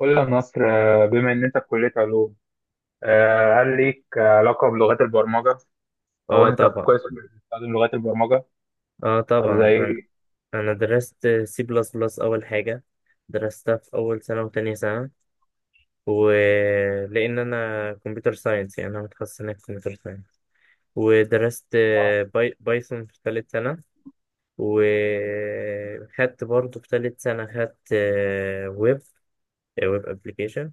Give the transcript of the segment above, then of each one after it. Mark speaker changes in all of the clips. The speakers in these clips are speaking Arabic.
Speaker 1: قول لي يا نصر، بما ان انت في كليه علوم، هل ليك علاقه بلغات البرمجه؟ او
Speaker 2: اه
Speaker 1: انت في
Speaker 2: طبعا.
Speaker 1: قسم بتستخدم لغات البرمجه؟
Speaker 2: اه
Speaker 1: طب زي
Speaker 2: طبعا، انا
Speaker 1: ايه؟
Speaker 2: انا درست سي بلس بلس. اول حاجه درستها في اول سنه وتانية سنه، ولان انا كمبيوتر ساينس، يعني انا متخصص هناك في كمبيوتر ساينس. ودرست
Speaker 1: اه.
Speaker 2: بايثون في ثالث سنه. وخدت برضه في ثالث سنه، خدت ويب ويب ابلكيشن.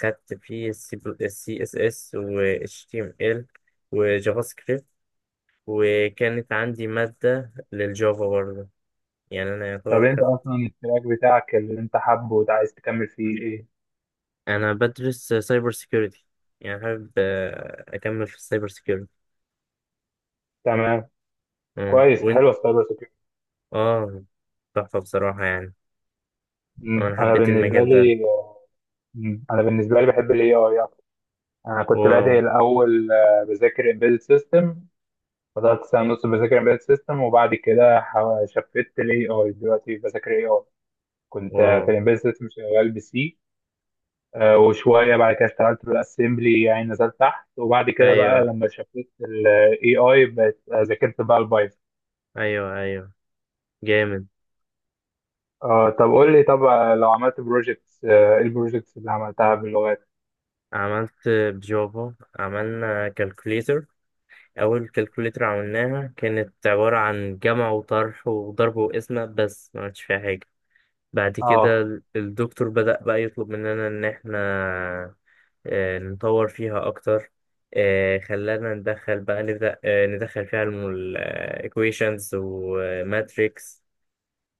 Speaker 2: خدت فيه السي اس اس و اتش تي ام ال وجافا سكريبت. وكانت عندي مادة للجافا برضه، يعني أنا
Speaker 1: طب
Speaker 2: يعتبر.
Speaker 1: انت اصلا التراك بتاعك اللي انت حابه وعايز تكمل فيه ايه؟
Speaker 2: أنا بدرس سايبر سيكيورتي، يعني حابب أكمل في السايبر سيكيورتي.
Speaker 1: تمام.
Speaker 2: أه،
Speaker 1: كويس،
Speaker 2: وأنت؟
Speaker 1: حلو السايبر سكيورتي.
Speaker 2: أه. تحفة بصراحة يعني.
Speaker 1: مم.
Speaker 2: أنا
Speaker 1: انا
Speaker 2: حبيت
Speaker 1: بالنسبه
Speaker 2: المجال ده.
Speaker 1: لي انا بالنسبه لي بحب الاي اي اكتر. انا كنت
Speaker 2: واو.
Speaker 1: بادئ الاول، بذاكر امبيدد سيستم. فضلت سنه ونص بذاكر امبيدد سيستم، وبعد كده شفت الاي اي دلوقتي بذاكر اي اي. كنت
Speaker 2: واو.
Speaker 1: في الامبيدد سيستم شغال بسي، وشوية بعد كده اشتغلت بالاسمبلي يعني نزلت تحت. وبعد كده بقى
Speaker 2: أيوه
Speaker 1: لما شفت الاي اي بقت، ذاكرت بقى البايثون.
Speaker 2: أيوه أيوه. جامد.
Speaker 1: طب قول لي، طب، لو عملت بروجكتس، ايه البروجكتس اللي عملتها باللغات؟
Speaker 2: عملت بجافا، عملنا كالكوليتر. أول كالكوليتر عملناها كانت عبارة عن جمع وطرح وضرب وقسمة بس، ما عملتش فيها حاجة. بعد كده
Speaker 1: اه.
Speaker 2: الدكتور بدأ بقى يطلب مننا إن إحنا نطور فيها أكتر. خلانا ندخل بقى، نبدأ ندخل فيها الإيكويشنز وماتريكس.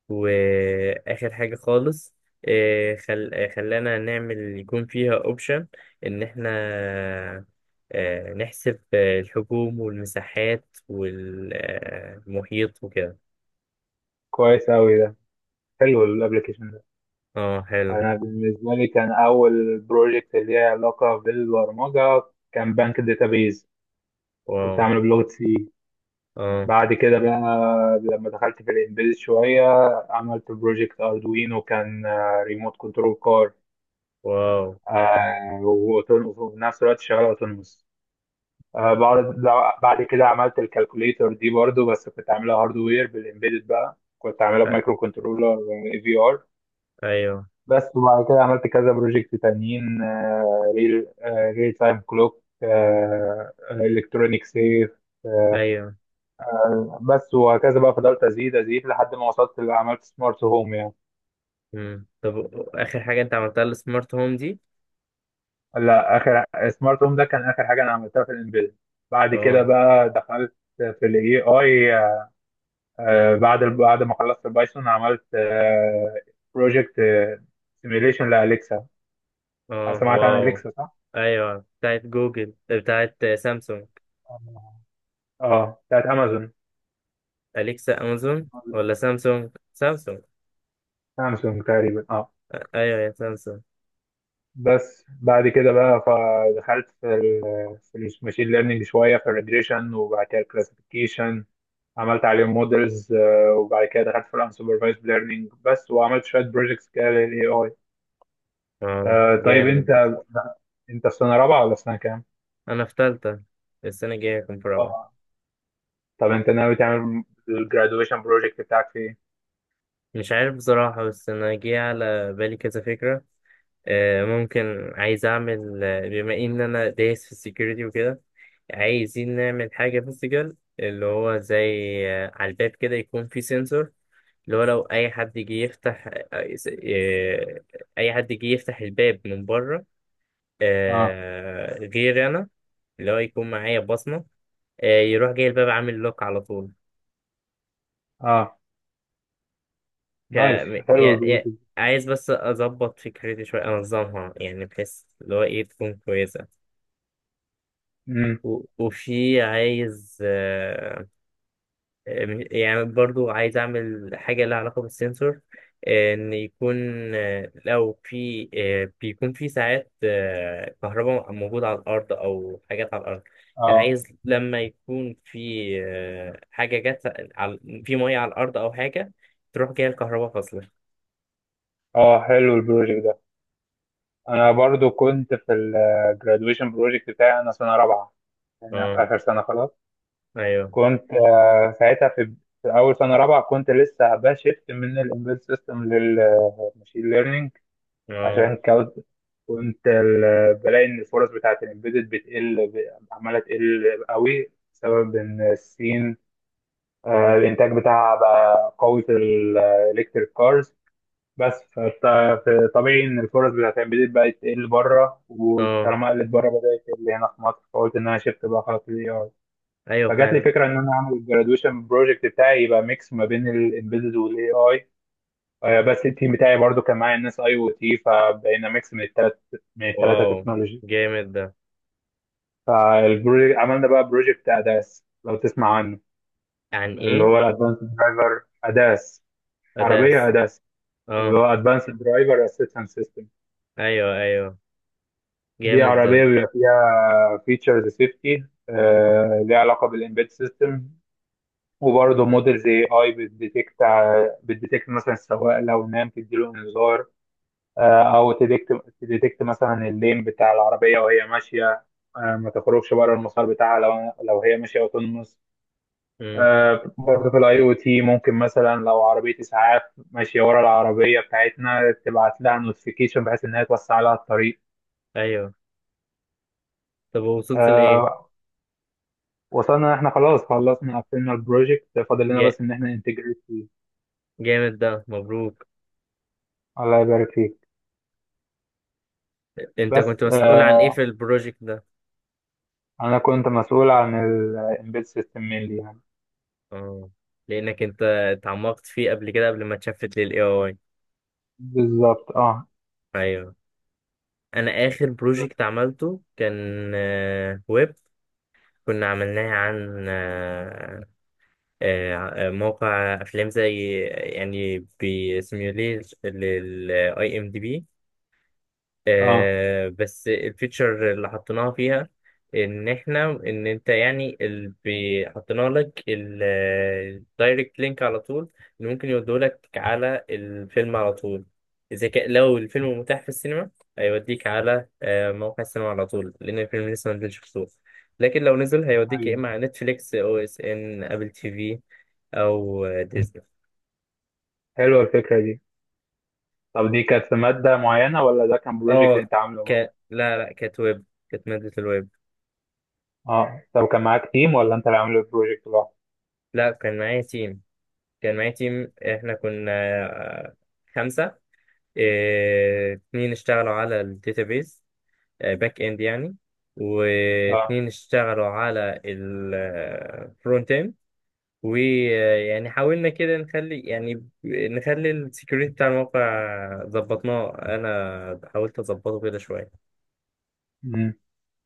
Speaker 2: وآخر حاجة خالص، آه، خل... آه، خلانا نعمل يكون فيها أوبشن إن إحنا نحسب الحجوم والمساحات والمحيط وكده.
Speaker 1: كويس اوي ده، حلو الابلكيشن ده.
Speaker 2: اه حلو.
Speaker 1: انا بالنسبة لي كان اول بروجكت اللي ليها علاقة بالبرمجة كان بنك داتابيز.
Speaker 2: واو.
Speaker 1: كنت عامله بلغة سي.
Speaker 2: اه.
Speaker 1: بعد كده بقى لما دخلت في الامبيد شوية عملت بروجكت اردوينو، كان ريموت كنترول كار.
Speaker 2: واو.
Speaker 1: وفي نفس الوقت شغاله اوتونوموس. بعد، بعد كده عملت الكالكوليتر دي برضو، بس كنت عاملها هاردوير، بالامبيدد بقى كنت عاملها
Speaker 2: أ-
Speaker 1: بمايكرو كنترولر اي في ار
Speaker 2: أيوه.
Speaker 1: بس. وبعد كده عملت كذا بروجكت تانيين، ريل تايم كلوك، الكترونيك سيف، آه
Speaker 2: ايوه.
Speaker 1: بس. وهكذا بقى فضلت ازيد ازيد لحد ما وصلت اللي عملت سمارت هوم يعني.
Speaker 2: مم. طب اخر حاجه انت عملتها السمارت هوم دي؟
Speaker 1: لا، اخر سمارت هوم ده كان اخر حاجه انا عملتها في الانفيد. بعد كده
Speaker 2: اه.
Speaker 1: بقى دخلت في الاي اي. بعد ما خلصت البايثون عملت بروجكت سيميليشن لاليكسا.
Speaker 2: اه.
Speaker 1: سمعت عن
Speaker 2: واو.
Speaker 1: اليكسا صح؟
Speaker 2: ايوه بتاعت جوجل بتاعت سامسونج.
Speaker 1: آه، اه، بتاعت امازون.
Speaker 2: اليكسا امازون ولا سامسونج سامسونج؟
Speaker 1: سامسونج تقريبا، اه.
Speaker 2: ايوه يا سامسونج.
Speaker 1: بس بعد كده بقى فدخلت في الماشين ليرنينج شويه، في الريجريشن وبعد كده الكلاسيفيكيشن. عملت عليهم مودلز. وبعد كده دخلت في الانسوبرفايزد ليرنينج بس، وعملت شويه بروجكتس كده للاي اي.
Speaker 2: اه
Speaker 1: طيب
Speaker 2: جامد.
Speaker 1: انت في سنه رابعه ولا في سنه كام؟
Speaker 2: انا في تالتة، السنه الجايه هكون في رابعه.
Speaker 1: اه. طب انت ناوي تعمل الجرادويشن بروجكت بتاعك في ايه؟
Speaker 2: مش عارف بصراحة، بس أنا جه على بالي كذا فكرة. ممكن عايز أعمل، بما إن أنا دايس في السكيورتي وكده، عايزين نعمل حاجة فيزيكال، اللي هو زي، على الباب كده يكون في سنسور. اللي هو لو أي حد جه يفتح، أي حد جه يفتح الباب من بره
Speaker 1: اه،
Speaker 2: غير أنا، اللي هو يكون معايا بصمة، يروح جاي الباب عامل لوك على طول.
Speaker 1: اه،
Speaker 2: ك...
Speaker 1: نايس،
Speaker 2: يا...
Speaker 1: حلو
Speaker 2: يا...
Speaker 1: البروجكت.
Speaker 2: عايز بس اظبط فكرتي شويه، انظمها يعني، بحيث اللي هو ايه تكون كويسه.
Speaker 1: امم.
Speaker 2: وفي عايز، يعني برضو عايز اعمل حاجه لها علاقه بالسنسور. ان يكون، لو في، بيكون في ساعات كهرباء موجوده على الارض او حاجات على الارض. يعني
Speaker 1: اه،
Speaker 2: عايز لما يكون في، آه، حاجه جت على... في ميه على الارض، او حاجه تروح جايه الكهرباء فاصله.
Speaker 1: اه، حلو البروجكت ده. انا برضو كنت في الجرادويشن بروجكت بتاعي، انا سنه رابعه، انا في
Speaker 2: اه.
Speaker 1: اخر سنه خلاص.
Speaker 2: ايوه.
Speaker 1: كنت ساعتها في اول سنه رابعه كنت لسه بشفت من الامبيد سيستم للماشين ليرنينج
Speaker 2: اه.
Speaker 1: عشان كود. كنت ال- آه، بلاقي ان الفرص بتاعت الامبيدد بتقل، عماله تقل قوي بسبب ان الصين، الانتاج بتاعها بقى قوي في الالكتريك كارز. بس فطبيعي ان الفرص بتاعت الامبيدد بقت تقل بره،
Speaker 2: اه
Speaker 1: وطالما قلت بره بدات تقل هنا في مصر. فقلت ان انا شفت بقى خلاص الاي.
Speaker 2: ايوه
Speaker 1: فجات لي
Speaker 2: فعلا.
Speaker 1: فكره ان انا اعمل الجرادويشن بروجكت بتاعي يبقى ميكس ما بين الامبيدد والاي اي. بس التيم بتاعي برضو كان معايا الناس اي او تي، فبقينا ميكس من الثلاثه
Speaker 2: واو
Speaker 1: تكنولوجي.
Speaker 2: جامد ده.
Speaker 1: فالبروجكت عملنا بقى بروجكت اداس، لو تسمع عنه.
Speaker 2: عن
Speaker 1: اللي
Speaker 2: ايه؟
Speaker 1: هو الادفانس درايفر اداس. عربيه
Speaker 2: اداس.
Speaker 1: اداس. اللي
Speaker 2: اه.
Speaker 1: هو ادفانس درايفر اسيستنس سيستم.
Speaker 2: ايوه ايوه.
Speaker 1: دي
Speaker 2: جامد ده.
Speaker 1: عربيه بيبقى فيها فيتشرز سيفتي، ليها علاقه بالامبيد سيستم، وبرضه موديل زي اي بتديتكت مثلا السواق لو نام تديله انذار، او تديكت، تديتكت مثلا اللين بتاع العربيه وهي ماشيه، ما تخرجش بره المسار بتاعها لو هي ماشيه وتنمص.
Speaker 2: امم.
Speaker 1: برضه في الاي او تي ممكن مثلا لو عربيه اسعاف ماشيه ورا العربيه بتاعتنا تبعت لها نوتيفيكيشن، بحيث انها توسع لها الطريق.
Speaker 2: ايوه طب وصلت لايه؟
Speaker 1: آه، وصلنا إن احنا خلاص خلصنا قفلنا البروجكت، فاضل لنا
Speaker 2: جا...
Speaker 1: بس ان احنا انتجريت فيه.
Speaker 2: جامد ده، مبروك.
Speaker 1: الله يبارك فيك.
Speaker 2: انت
Speaker 1: بس،
Speaker 2: كنت مسؤول عن ايه في البروجكت ده؟
Speaker 1: انا كنت مسؤول عن الامبيد سيستم مينلي يعني.
Speaker 2: اه، لانك انت اتعمقت فيه قبل كده، قبل ما اتشفت للاي اي.
Speaker 1: بالظبط، اه.
Speaker 2: ايوه. انا اخر بروجكت عملته كان ويب. كنا عملناه عن موقع افلام، زي يعني بيسيميوليت للاي ام دي بي.
Speaker 1: اه،
Speaker 2: بس الفيتشر اللي حطيناها فيها ان احنا، ان انت يعني، اللي حطينا لك الدايركت لينك على طول اللي ممكن يودولك على الفيلم على طول. اذا كان، لو الفيلم متاح في السينما، هيوديك على موقع السينما على طول، لان الفيلم لسه ما نزلش في السوق. لكن لو نزل، هيوديك يا
Speaker 1: ايوه،
Speaker 2: اما على نتفليكس او اس ان ابل تي في او ديزني.
Speaker 1: حلوه الفكره دي. طب دي كانت في ماده معينه ولا ده كان بروجكت
Speaker 2: اه.
Speaker 1: انت عامله معاه؟
Speaker 2: ك... لا لا، كانت ويب، كانت مادة الويب.
Speaker 1: اه. طب كان معاك تيم ولا انت اللي عامل البروجكت لوحدك؟
Speaker 2: لا كان معايا تيم. جامعتي، احنا كنا آه، خمسة. إيه، اتنين اشتغلوا على الداتابيز، باك اند يعني،
Speaker 1: اه.
Speaker 2: واتنين اشتغلوا على الفرونت اند. ويعني حاولنا كده نخلي، يعني نخلي السكيورتي بتاع الموقع، ظبطناه، انا حاولت اظبطه كده شوية.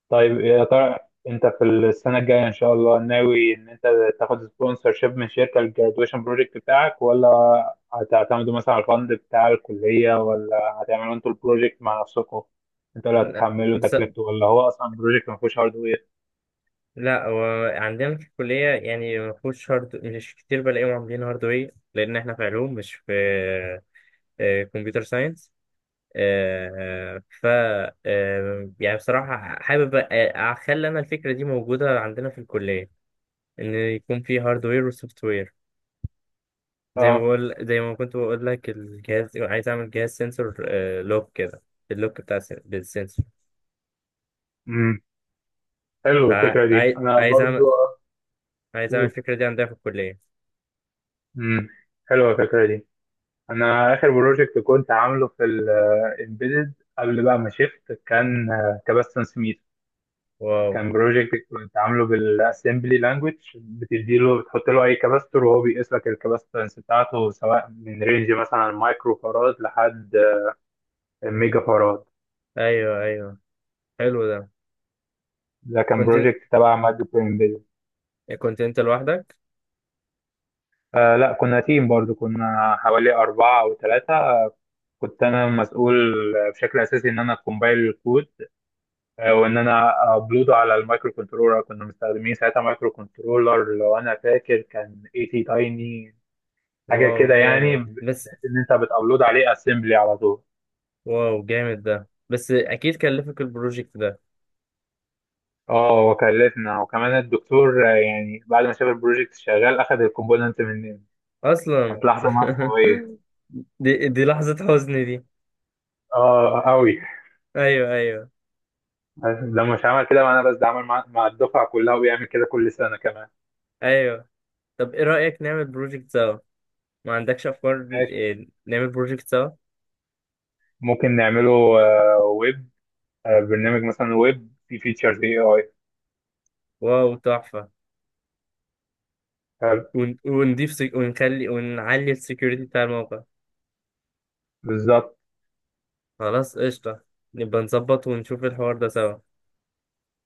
Speaker 1: طيب، يا ترى انت في السنة الجاية ان شاء الله ناوي ان انت تاخد سبونسر شيب من شركة الجرادويشن بروجكت بتاعك، ولا هتعتمدوا مثلا على الفند بتاع الكلية، ولا هتعملوا انتوا البروجكت مع نفسكم، انتوا اللي
Speaker 2: لا
Speaker 1: هتتحملوا
Speaker 2: بس.
Speaker 1: تكلفته، ولا هو اصلا بروجكت ما فيهوش هاردوير؟
Speaker 2: لا هو عندنا في الكلية يعني ما فيهوش هارد، مش كتير بلاقيهم عاملين هاردوير، لأن احنا في علوم مش في كمبيوتر ساينس. ف يعني بصراحة حابب أخلي أنا الفكرة دي موجودة عندنا في الكلية، إن يكون في هاردوير وسوفت وير. زي ما
Speaker 1: اه.
Speaker 2: بقول، زي ما كنت بقول لك، الجهاز عايز أعمل جهاز سنسور، لوك كده، اللوك بتاع بالسنسور.
Speaker 1: امم حلو الفكرة دي،
Speaker 2: فعايز،
Speaker 1: انا
Speaker 2: عايز أعمل
Speaker 1: برضو
Speaker 2: عايز أعمل
Speaker 1: اقول.
Speaker 2: الفكرة دي عندنا في الكلية.
Speaker 1: امم حلوة الفكرة دي. انا اخر بروجكت كنت عامله في الامبيدد قبل بقى ما شفت كان كباستنس.
Speaker 2: واو.
Speaker 1: كان بروجكت كنت عامله بالاسمبلي لانجوج، بتديله بتحط له اي كاباستور وهو بيقيس لك الكاباستنس بتاعته، سواء من رينج مثلا مايكرو فاراد لحد ميجا فاراد.
Speaker 2: أيوه أيوه. حلو ده.
Speaker 1: ده كان
Speaker 2: كنت
Speaker 1: بروجكت تبع مادة انفيديا.
Speaker 2: كنت أنت لوحدك؟
Speaker 1: آه، لا، كنا تيم برضو، كنا حوالي أربعة أو ثلاثة. كنت أنا مسؤول بشكل أساسي إن أنا كومبايل الكود، وإن أنا أبلوده على المايكرو كنترولر. كنا مستخدمين ساعتها مايكرو كنترولر، لو أنا فاكر كان اي تي تايني. حاجه
Speaker 2: واو
Speaker 1: كده يعني،
Speaker 2: جامد بس.
Speaker 1: بحيث ان انت بتابلود عليه اسمبلي على طول.
Speaker 2: واو جامد ده، بس أكيد كلفك البروجكت ده
Speaker 1: اه، وكلفنا. وكمان الدكتور، يعني بعد ما شاف البروجكت شغال اخذ الكومبوننت مننا.
Speaker 2: اصلا.
Speaker 1: كانت لحظه مأساويه.
Speaker 2: دي لحظة حزن دي.
Speaker 1: اه، قوي.
Speaker 2: ايوه ايوه
Speaker 1: ده مش عمل كده مع انا بس، ده عمل مع الدفعه كلها، وبيعمل كده كل سنه كمان.
Speaker 2: ايوه. طب ايه رأيك نعمل بروجكت سوا؟ ما عندكش افكار؟
Speaker 1: ماشي.
Speaker 2: إيه، نعمل بروجكت سوا.
Speaker 1: ممكن نعمله، ويب، برنامج مثلا ويب فيه فيتشرز اي اي.
Speaker 2: واو تحفة. ونضيف، ونخلي ونعلي السكيورتي بتاع الموقع.
Speaker 1: بالظبط.
Speaker 2: خلاص قشطة. نبقى نظبط ونشوف الحوار ده سوا.